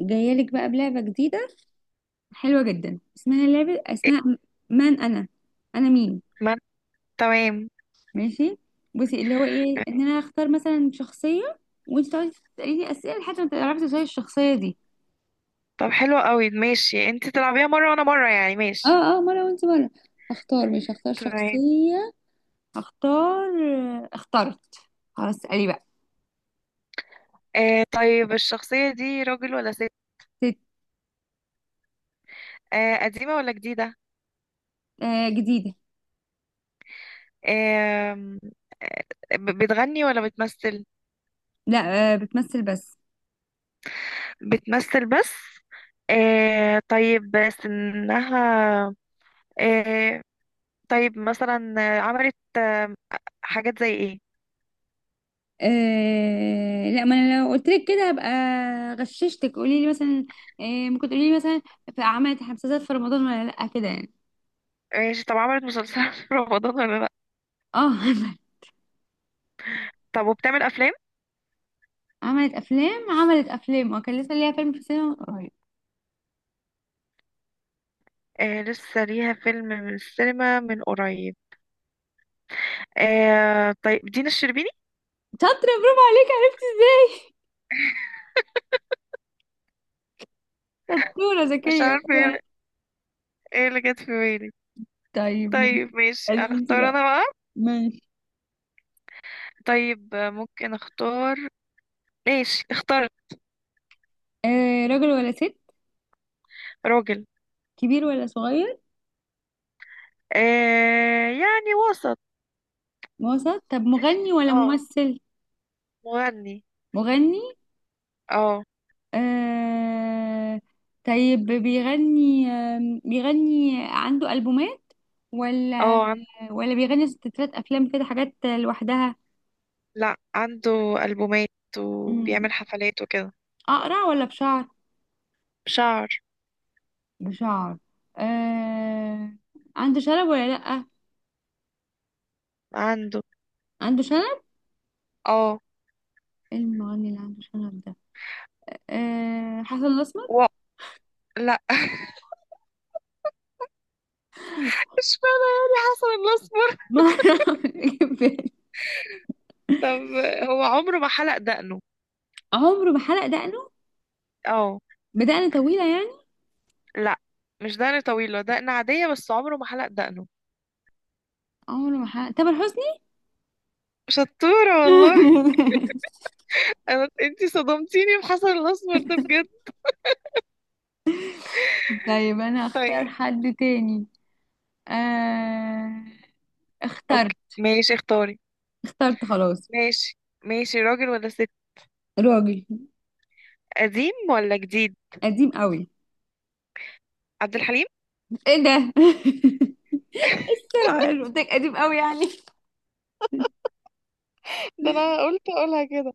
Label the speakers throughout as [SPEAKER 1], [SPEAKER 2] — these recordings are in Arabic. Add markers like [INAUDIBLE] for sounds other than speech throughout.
[SPEAKER 1] جايه لك بقى بلعبه جديده حلوه جدا. اسمها لعبه، اسمها من انا، انا مين؟
[SPEAKER 2] ما تمام.
[SPEAKER 1] ماشي، بصي اللي هو ايه، ان انا اختار مثلا شخصيه وانت تقعدي تسالي لي اسئله لحد ما تعرفي تسالي الشخصيه دي.
[SPEAKER 2] طب حلو قوي ماشي انت تلعبيها مرة وانا مرة يعني
[SPEAKER 1] اه
[SPEAKER 2] ماشي.
[SPEAKER 1] اه مره وانت مره. هختار مش هختار
[SPEAKER 2] تمام.
[SPEAKER 1] شخصيه. هختار، اخترت، خلاص اسالي بقى.
[SPEAKER 2] آه، طيب الشخصية دي راجل ولا ست؟
[SPEAKER 1] ست.
[SPEAKER 2] آه، قديمة ولا جديدة؟
[SPEAKER 1] جديده.
[SPEAKER 2] آم، آه. بتغني ولا بتمثل؟
[SPEAKER 1] لا، بتمثل بس.
[SPEAKER 2] بتمثل بس. آه، طيب سنها؟ آه طيب مثلا عملت حاجات زي ايه؟
[SPEAKER 1] لا، ما انا لو قلت لك كده هبقى غششتك. قولي لي مثلا، آه ممكن تقولي لي مثلا في عملت مسلسلات في رمضان ولا لا، كده يعني.
[SPEAKER 2] ماشي، طب عملت مسلسلات [LAUGHS] في رمضان ولا لا؟
[SPEAKER 1] اه [LAUGHS] عملت.
[SPEAKER 2] طب وبتعمل افلام؟
[SPEAKER 1] عملت افلام، عملت افلام، وكان لسه ليها فيلم في السينما من قريب.
[SPEAKER 2] آه، لسه ليها فيلم من السينما من قريب. آه، طيب دينا الشربيني.
[SPEAKER 1] شاطره، برافو عليك، عرفتي ازاي؟ شطوره
[SPEAKER 2] مش
[SPEAKER 1] ذكيه،
[SPEAKER 2] عارفة
[SPEAKER 1] برافو
[SPEAKER 2] ايه،
[SPEAKER 1] عليك.
[SPEAKER 2] إيه اللي جت في بالي.
[SPEAKER 1] طيب ماشي،
[SPEAKER 2] طيب ماشي،
[SPEAKER 1] قولي لي انت
[SPEAKER 2] اختار
[SPEAKER 1] بقى.
[SPEAKER 2] انا بقى.
[SPEAKER 1] ماشي.
[SPEAKER 2] طيب، ممكن اختار. ماشي اخترت.
[SPEAKER 1] راجل ولا ست؟
[SPEAKER 2] راجل.
[SPEAKER 1] كبير ولا صغير؟
[SPEAKER 2] آه، يعني وسط.
[SPEAKER 1] وسط، طب مغني ولا
[SPEAKER 2] اه،
[SPEAKER 1] ممثل؟
[SPEAKER 2] مغني.
[SPEAKER 1] مغني.
[SPEAKER 2] اه.
[SPEAKER 1] آه طيب بيغني، بيغني عنده ألبومات ولا،
[SPEAKER 2] اه،
[SPEAKER 1] ولا بيغني ستات أفلام كده، حاجات لوحدها؟
[SPEAKER 2] لا عنده ألبومات
[SPEAKER 1] مم.
[SPEAKER 2] وبيعمل حفلات وكده.
[SPEAKER 1] أقرع ولا بشعر؟
[SPEAKER 2] شعر.
[SPEAKER 1] بشعر. آه عنده شنب ولا لأ؟
[SPEAKER 2] عنده.
[SPEAKER 1] عنده شنب.
[SPEAKER 2] اه.
[SPEAKER 1] إيه المغني اللي عنده شنب ده؟ حسن الأسمر.
[SPEAKER 2] و... لا. [LAUGHS] مش فاهمة يعني حسن الأسمر.
[SPEAKER 1] [LAUGHS] ما أعرف، جه في بالي.
[SPEAKER 2] طب هو عمره ما حلق دقنه؟
[SPEAKER 1] عمره ما حلق دقنه؟
[SPEAKER 2] اه.
[SPEAKER 1] بدقن طويلة يعني؟
[SPEAKER 2] لا، مش دقن طويلة، دقن عادية بس عمره ما حلق دقنه.
[SPEAKER 1] عمره ما حلق، تامر حسني.
[SPEAKER 2] شطورة والله. انا انتي صدمتيني بحسن الاسمر ده بجد.
[SPEAKER 1] [LAUGHS] طيب أنا أختار
[SPEAKER 2] طيب.
[SPEAKER 1] حد تاني. آه... اخترت.
[SPEAKER 2] اوكي، ماشي اختاري.
[SPEAKER 1] اخترت خلاص.
[SPEAKER 2] ماشي. ماشي، راجل ولا ست؟
[SPEAKER 1] راجل.
[SPEAKER 2] قديم ولا جديد؟
[SPEAKER 1] قديم قوي.
[SPEAKER 2] عبد الحليم.
[SPEAKER 1] ايه ده؟
[SPEAKER 2] [LAUGHS]
[SPEAKER 1] [LAUGHS] طلع حلو، قلت لك قديم قوي يعني.
[SPEAKER 2] ده انا قلت اقولها كده.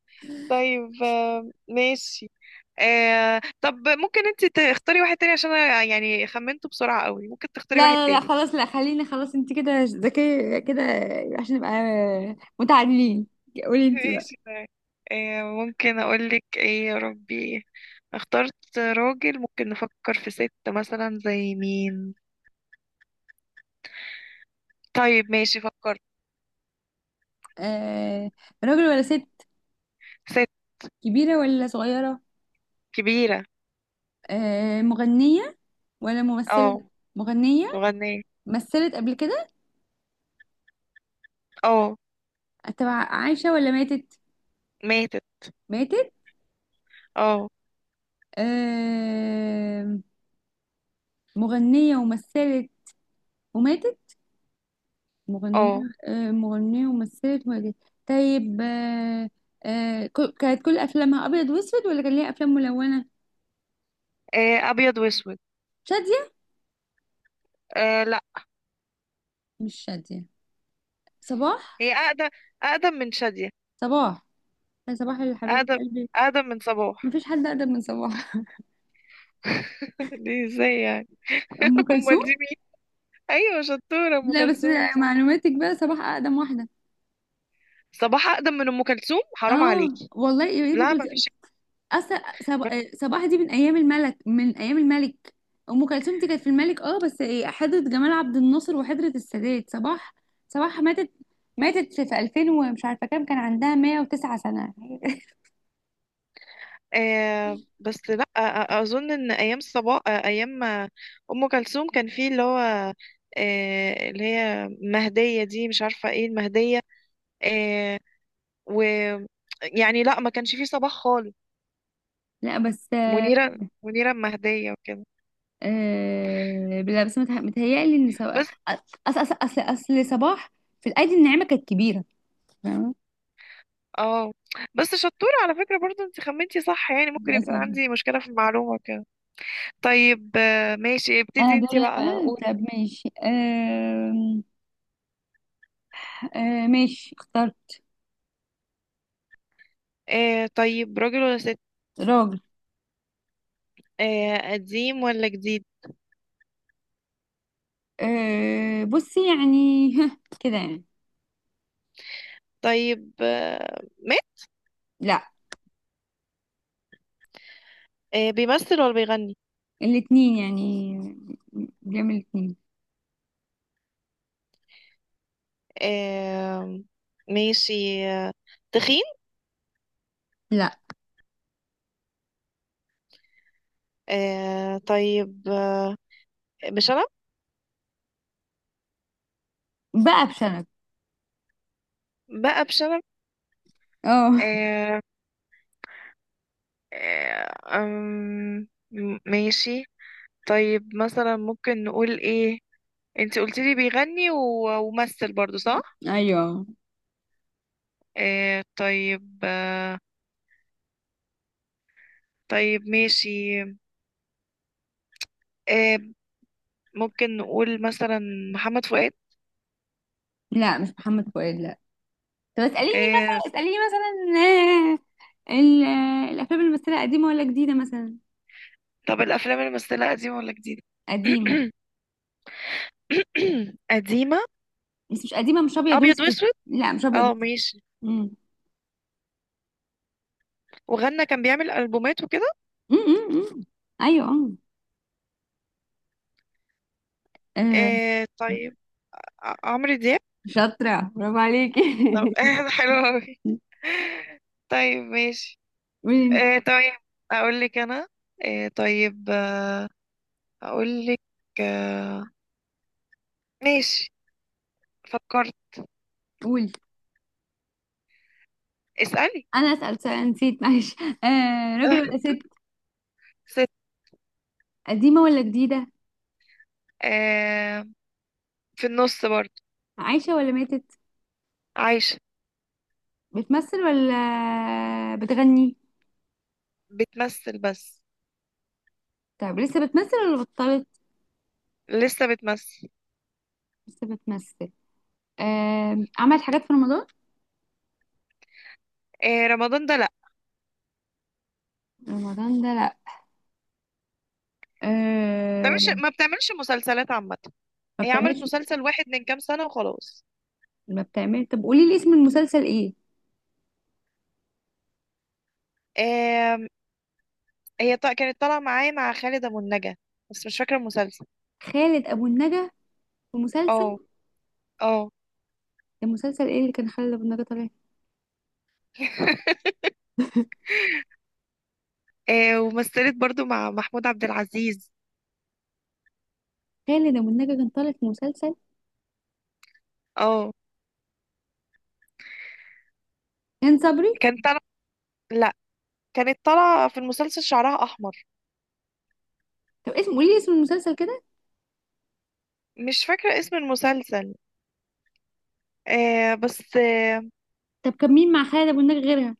[SPEAKER 2] طيب، ماشي. طب ممكن انتي تختاري واحد تاني عشان انا يعني خمنته بسرعة قوي، ممكن تختاري واحد
[SPEAKER 1] لا لا لا
[SPEAKER 2] تاني.
[SPEAKER 1] خلاص، لا خليني، خلاص انت كده ذكية كده، عشان نبقى متعادلين. قولي انت بقى.
[SPEAKER 2] ماشي طيب. ممكن اقولك ايه يا ربي. اخترت راجل، ممكن نفكر في ست مثلا زي مين. طيب ماشي فكرت.
[SPEAKER 1] آه... راجل ولا ست؟
[SPEAKER 2] ست.
[SPEAKER 1] كبيرة ولا صغيرة؟
[SPEAKER 2] كبيرة.
[SPEAKER 1] مغنية ولا ممثلة؟
[SPEAKER 2] اه.
[SPEAKER 1] مغنية.
[SPEAKER 2] مغنية.
[SPEAKER 1] مثلت قبل كده؟
[SPEAKER 2] اه.
[SPEAKER 1] تبع عايشة ولا ماتت؟
[SPEAKER 2] ماتت.
[SPEAKER 1] ماتت.
[SPEAKER 2] اه.
[SPEAKER 1] آه... مغنية ومثلت وماتت. مغنية.
[SPEAKER 2] اه.
[SPEAKER 1] مغنية ومثلت وقالت. طيب آه، كانت كل أفلامها أبيض وأسود ولا كان ليها أفلام ملونة؟
[SPEAKER 2] آه، أبيض وأسود.
[SPEAKER 1] شادية؟
[SPEAKER 2] آه، لا.
[SPEAKER 1] مش شادية. صباح؟
[SPEAKER 2] هي أقدم. أقدم من شادية.
[SPEAKER 1] صباح، هي صباح اللي حبيبة
[SPEAKER 2] أقدم
[SPEAKER 1] قلبي.
[SPEAKER 2] أقدم من صباح.
[SPEAKER 1] مفيش حد أقدم من صباح.
[SPEAKER 2] [LAUGHS] دي ازاي يعني.
[SPEAKER 1] [LAUGHS] أم
[SPEAKER 2] [LAUGHS] أمال دي
[SPEAKER 1] كلثوم؟
[SPEAKER 2] مين؟ أيوة شطورة، أم
[SPEAKER 1] لا بس
[SPEAKER 2] كلثوم صح.
[SPEAKER 1] معلوماتك، بقى صباح أقدم واحدة.
[SPEAKER 2] صباح أقدم من أم كلثوم؟ حرام
[SPEAKER 1] اه
[SPEAKER 2] عليكي.
[SPEAKER 1] والله يا ريت.
[SPEAKER 2] لا مفيش.
[SPEAKER 1] اصلا صب... آه، صباح دي من ايام الملك، من ايام الملك. ام كلثوم دي كانت في الملك، اه بس حضرة جمال عبد الناصر وحضرة السادات. صباح، صباح ماتت، ماتت في 2000 ومش عارفه كام، كان عندها 109 سنه. [LAUGHS]
[SPEAKER 2] آه، بس لا، اظن ان ايام ايام ام كلثوم كان في اللي هو آه، اللي هي مهدية دي، مش عارفة ايه المهدية. آه و يعني لا، ما كانش في صباح خالص.
[SPEAKER 1] لا بس آه.
[SPEAKER 2] منيرة المهدية وكده.
[SPEAKER 1] لا بس متهيألي ان
[SPEAKER 2] بس،
[SPEAKER 1] اصل صباح في الايدي الناعمه كانت كبيره، فاهمة؟
[SPEAKER 2] اه بس شطورة على فكرة برضو، انت خمنتي صح، يعني ممكن يكون
[SPEAKER 1] مثلا.
[SPEAKER 2] عندي مشكلة في المعلومة كده. طيب، ماشي
[SPEAKER 1] انا
[SPEAKER 2] ابتدي انت
[SPEAKER 1] دول
[SPEAKER 2] بقى
[SPEAKER 1] بقى.
[SPEAKER 2] قولي.
[SPEAKER 1] طب ماشي. ماشي اخترت.
[SPEAKER 2] آه، طيب راجل ولا ست؟
[SPEAKER 1] راجل.
[SPEAKER 2] آه، قديم ولا جديد؟
[SPEAKER 1] أه بصي يعني، [LAUGHS] كده يعني.
[SPEAKER 2] طيب،
[SPEAKER 1] لا.
[SPEAKER 2] آه، بيمثل ولا بيغني؟
[SPEAKER 1] الاتنين يعني، بيعمل الاتنين.
[SPEAKER 2] آه. ماشي. آه. تخين.
[SPEAKER 1] لا.
[SPEAKER 2] آه، طيب آه. بشنب.
[SPEAKER 1] بقى بشنب.
[SPEAKER 2] بقى بشنب.
[SPEAKER 1] اه.
[SPEAKER 2] آه. آه أم، ماشي. طيب مثلا ممكن نقول ايه؟ انت قلت لي بيغني وممثل برضو صح.
[SPEAKER 1] ايوه.
[SPEAKER 2] طيب طيب ماشي آه ممكن نقول مثلا محمد فؤاد.
[SPEAKER 1] لا، مش محمد فؤاد، لا. طب اسأليني
[SPEAKER 2] آه،
[SPEAKER 1] مثلا، الافلام اللي مثلها قديمة ولا جديدة مثلا.
[SPEAKER 2] طب الافلام اللي مثلها قديمة ولا جديدة؟
[SPEAKER 1] قديمة،
[SPEAKER 2] [COUGHS] قديمة.
[SPEAKER 1] بس مش قديمة، مش ابيض
[SPEAKER 2] ابيض
[SPEAKER 1] واسود،
[SPEAKER 2] واسود.
[SPEAKER 1] لا مش ابيض
[SPEAKER 2] اه
[SPEAKER 1] واسود.
[SPEAKER 2] ماشي.
[SPEAKER 1] أمم.
[SPEAKER 2] وغنى، كان بيعمل البومات وكده.
[SPEAKER 1] أمم، أمم، أمم. ايوه. آه،
[SPEAKER 2] آه، طيب عمرو دياب.
[SPEAKER 1] شاطرة، برافو عليكي.
[SPEAKER 2] طب [LAUGHS] حلو أوي.
[SPEAKER 1] [LAUGHS]
[SPEAKER 2] طيب ماشي.
[SPEAKER 1] قولي.
[SPEAKER 2] طيب اقول لك انا. طيب اقول لك. آه. ماشي. فكرت.
[SPEAKER 1] قولي،
[SPEAKER 2] اسالي.
[SPEAKER 1] انا اسال سؤال نسيت، معلش. [LAUGHS] راجل ولا
[SPEAKER 2] [LAUGHS]
[SPEAKER 1] ست؟
[SPEAKER 2] ست.
[SPEAKER 1] قديمه ولا جديده؟
[SPEAKER 2] آه، في النص برضه.
[SPEAKER 1] عايشه ولا ماتت؟
[SPEAKER 2] عايشه.
[SPEAKER 1] بتمثل ولا بتغني؟
[SPEAKER 2] بتمثل بس.
[SPEAKER 1] طب لسه بتمثل ولا بطلت؟
[SPEAKER 2] لسه بتمثل.
[SPEAKER 1] لسه بتمثل. عملت حاجات في رمضان؟
[SPEAKER 2] آه، رمضان ده لا.
[SPEAKER 1] رمضان ده لا. آه
[SPEAKER 2] ما بتعملش مسلسلات عامه.
[SPEAKER 1] ما
[SPEAKER 2] هي عملت
[SPEAKER 1] بتعملش
[SPEAKER 2] مسلسل واحد من كام سنه وخلاص.
[SPEAKER 1] ما بتعمل. طب قولي لي اسم المسلسل ايه.
[SPEAKER 2] آه، هي كانت طالعة معايا مع خالد أبو النجا، بس مش فاكرة المسلسل.
[SPEAKER 1] خالد ابو النجا في
[SPEAKER 2] اه،
[SPEAKER 1] مسلسل؟
[SPEAKER 2] اه.
[SPEAKER 1] المسلسل ايه اللي كان خالد ابو النجا طالع؟
[SPEAKER 2] [LAUGHS] آه، ومثلت برضو مع محمود عبد العزيز.
[SPEAKER 1] خالد ابو النجا كان طالع في مسلسل.
[SPEAKER 2] اه.
[SPEAKER 1] هند صبري.
[SPEAKER 2] كانت طالعة. لا. كانت طالعة في المسلسل، شعرها أحمر.
[SPEAKER 1] طب اسم، قولي لي اسم المسلسل كده.
[SPEAKER 2] مش فاكرة اسم المسلسل. آه بس آه.
[SPEAKER 1] طب كان مين مع خالد ابو النجا غيرها؟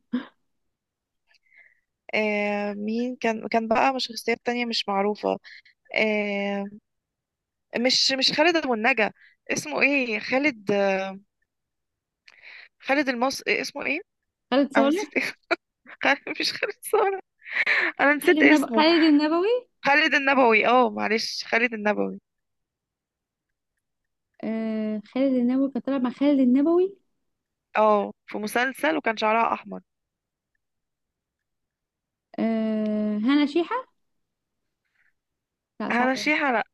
[SPEAKER 2] آه، مين كان، بقى مش شخصيات تانية مش معروفة. آه، مش خالد أبو النجا. اسمه ايه خالد آه، خالد إيه اسمه ايه.
[SPEAKER 1] خالد
[SPEAKER 2] انا
[SPEAKER 1] صالح.
[SPEAKER 2] نسيت. [LAUGHS] اسمه مش خالد صالح، انا
[SPEAKER 1] خالد
[SPEAKER 2] نسيت
[SPEAKER 1] النبوي،
[SPEAKER 2] اسمه.
[SPEAKER 1] خالد النبوي.
[SPEAKER 2] خالد النبوي. اه معلش، خالد النبوي.
[SPEAKER 1] خالد النبوي كان طالع، مع خالد النبوي.
[SPEAKER 2] اه، في مسلسل وكان شعرها احمر.
[SPEAKER 1] هنا شيحة. لا
[SPEAKER 2] هنا
[SPEAKER 1] صعبة.
[SPEAKER 2] شيحة، لا.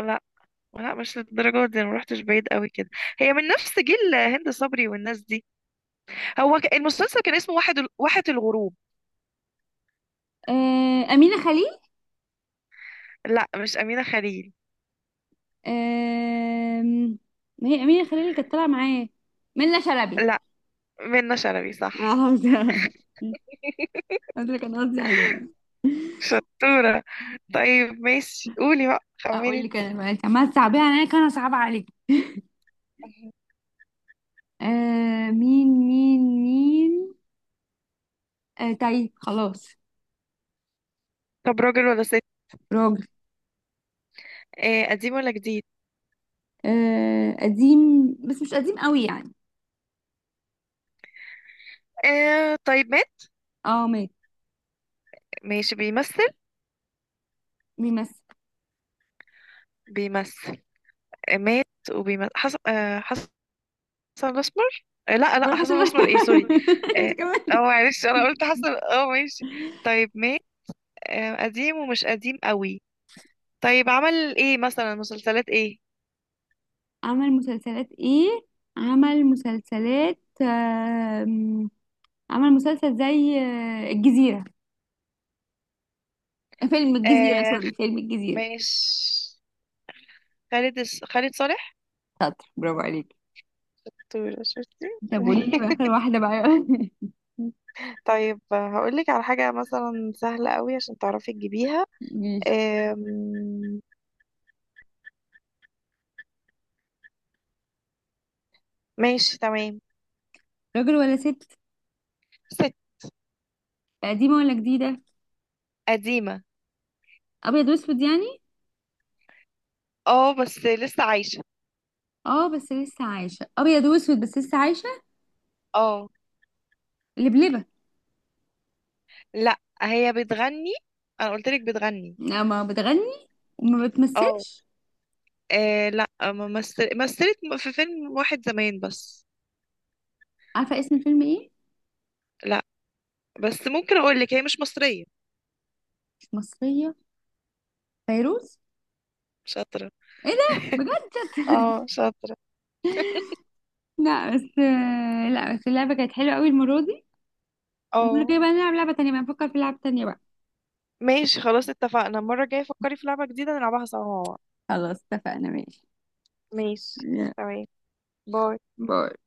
[SPEAKER 2] لا. لا، مش للدرجة دي، انا مروحتش بعيد قوي كده. هي من نفس جيل هند صبري والناس دي. هو المسلسل كان اسمه واحة الغروب.
[SPEAKER 1] أمينة خليل.
[SPEAKER 2] لا مش أمينة خليل.
[SPEAKER 1] آه ما هي أمينة خليل اللي كانت طالعة معاه. منة شلبي.
[SPEAKER 2] لا، منة شلبي
[SPEAKER 1] اه،
[SPEAKER 2] صح.
[SPEAKER 1] حافظة. [LAUGHS] ده اللي كان قصدي عليها.
[SPEAKER 2] شطورة. طيب ماشي، قولي بقى خمني
[SPEAKER 1] اقول لك
[SPEAKER 2] انت.
[SPEAKER 1] انا بقى، انت عماله تصعبيها عليا كان انا صعبه عليك. آه مين. تايه خلاص.
[SPEAKER 2] طب راجل ولا ست؟
[SPEAKER 1] راجل.
[SPEAKER 2] آه، قديم ولا جديد؟
[SPEAKER 1] قديم، بس مش قديم قوي يعني.
[SPEAKER 2] آه، طيب مات.
[SPEAKER 1] اه مات.
[SPEAKER 2] ماشي بيمثل.
[SPEAKER 1] بيمثل.
[SPEAKER 2] بيمثل. آه، مات. وبيمثل، حسب حسن الاسمر. آه لا لا،
[SPEAKER 1] بروح حسب
[SPEAKER 2] حسن الاسمر ايه، سوري.
[SPEAKER 1] [LAUGHS] انت
[SPEAKER 2] اه. آه،
[SPEAKER 1] كمان.
[SPEAKER 2] معلش انا قلت حسن، اه ماشي. طيب ما آه، قديم ومش قديم قوي. طيب عمل ايه مثلا، مسلسلات ايه؟
[SPEAKER 1] عمل مسلسلات ايه؟ عمل مسلسلات آم، عمل مسلسل زي الجزيرة، فيلم الجزيرة.
[SPEAKER 2] آه،
[SPEAKER 1] سوري، فيلم الجزيرة.
[SPEAKER 2] ماشي، خالد خالد صالح.
[SPEAKER 1] شاطر، برافو عليك.
[SPEAKER 2] طول شفتي.
[SPEAKER 1] طب قولي لي بقى آخر
[SPEAKER 2] [LAUGHS]
[SPEAKER 1] واحدة بقى.
[SPEAKER 2] طيب هقول لك على حاجة مثلا سهلة قوي عشان تعرفي تجيبيها.
[SPEAKER 1] [LAUGHS] ماشي.
[SPEAKER 2] آم، ماشي تمام.
[SPEAKER 1] راجل ولا ست؟
[SPEAKER 2] ست.
[SPEAKER 1] قديمة ولا جديدة؟
[SPEAKER 2] قديمة.
[SPEAKER 1] أبيض وأسود يعني؟
[SPEAKER 2] اه بس لسه عايشة.
[SPEAKER 1] اه بس لسه عايشة. أبيض وأسود بس لسه عايشة.
[SPEAKER 2] اه،
[SPEAKER 1] لبلبة.
[SPEAKER 2] لا هي بتغني، انا قلت لك بتغني.
[SPEAKER 1] لا، ما بتغني وما
[SPEAKER 2] اه.
[SPEAKER 1] بتمثلش.
[SPEAKER 2] آه لا، ما مثلت في فيلم واحد زمان بس.
[SPEAKER 1] عارفة اسم الفيلم ايه؟
[SPEAKER 2] لا بس ممكن اقول لك هي مش مصرية.
[SPEAKER 1] مش مصرية. فيروز.
[SPEAKER 2] شاطرة.
[SPEAKER 1] ايه ده؟ بجد؟
[SPEAKER 2] [LAUGHS] اه شاطرة.
[SPEAKER 1] لا بس، لا بس اللعبة كانت حلوة قوي المرة دي. المرة
[SPEAKER 2] اه
[SPEAKER 1] الجاية بقى نلعب لعبة تانية بقى، نفكر في لعبة تانية بقى.
[SPEAKER 2] ماشي، خلاص اتفقنا، المرة الجاية فكري في لعبة جديدة نلعبها سوا مع بعض.
[SPEAKER 1] خلاص، اتفقنا. ماشي.
[SPEAKER 2] ماشي.
[SPEAKER 1] يلا،
[SPEAKER 2] تمام. باي.
[SPEAKER 1] باي.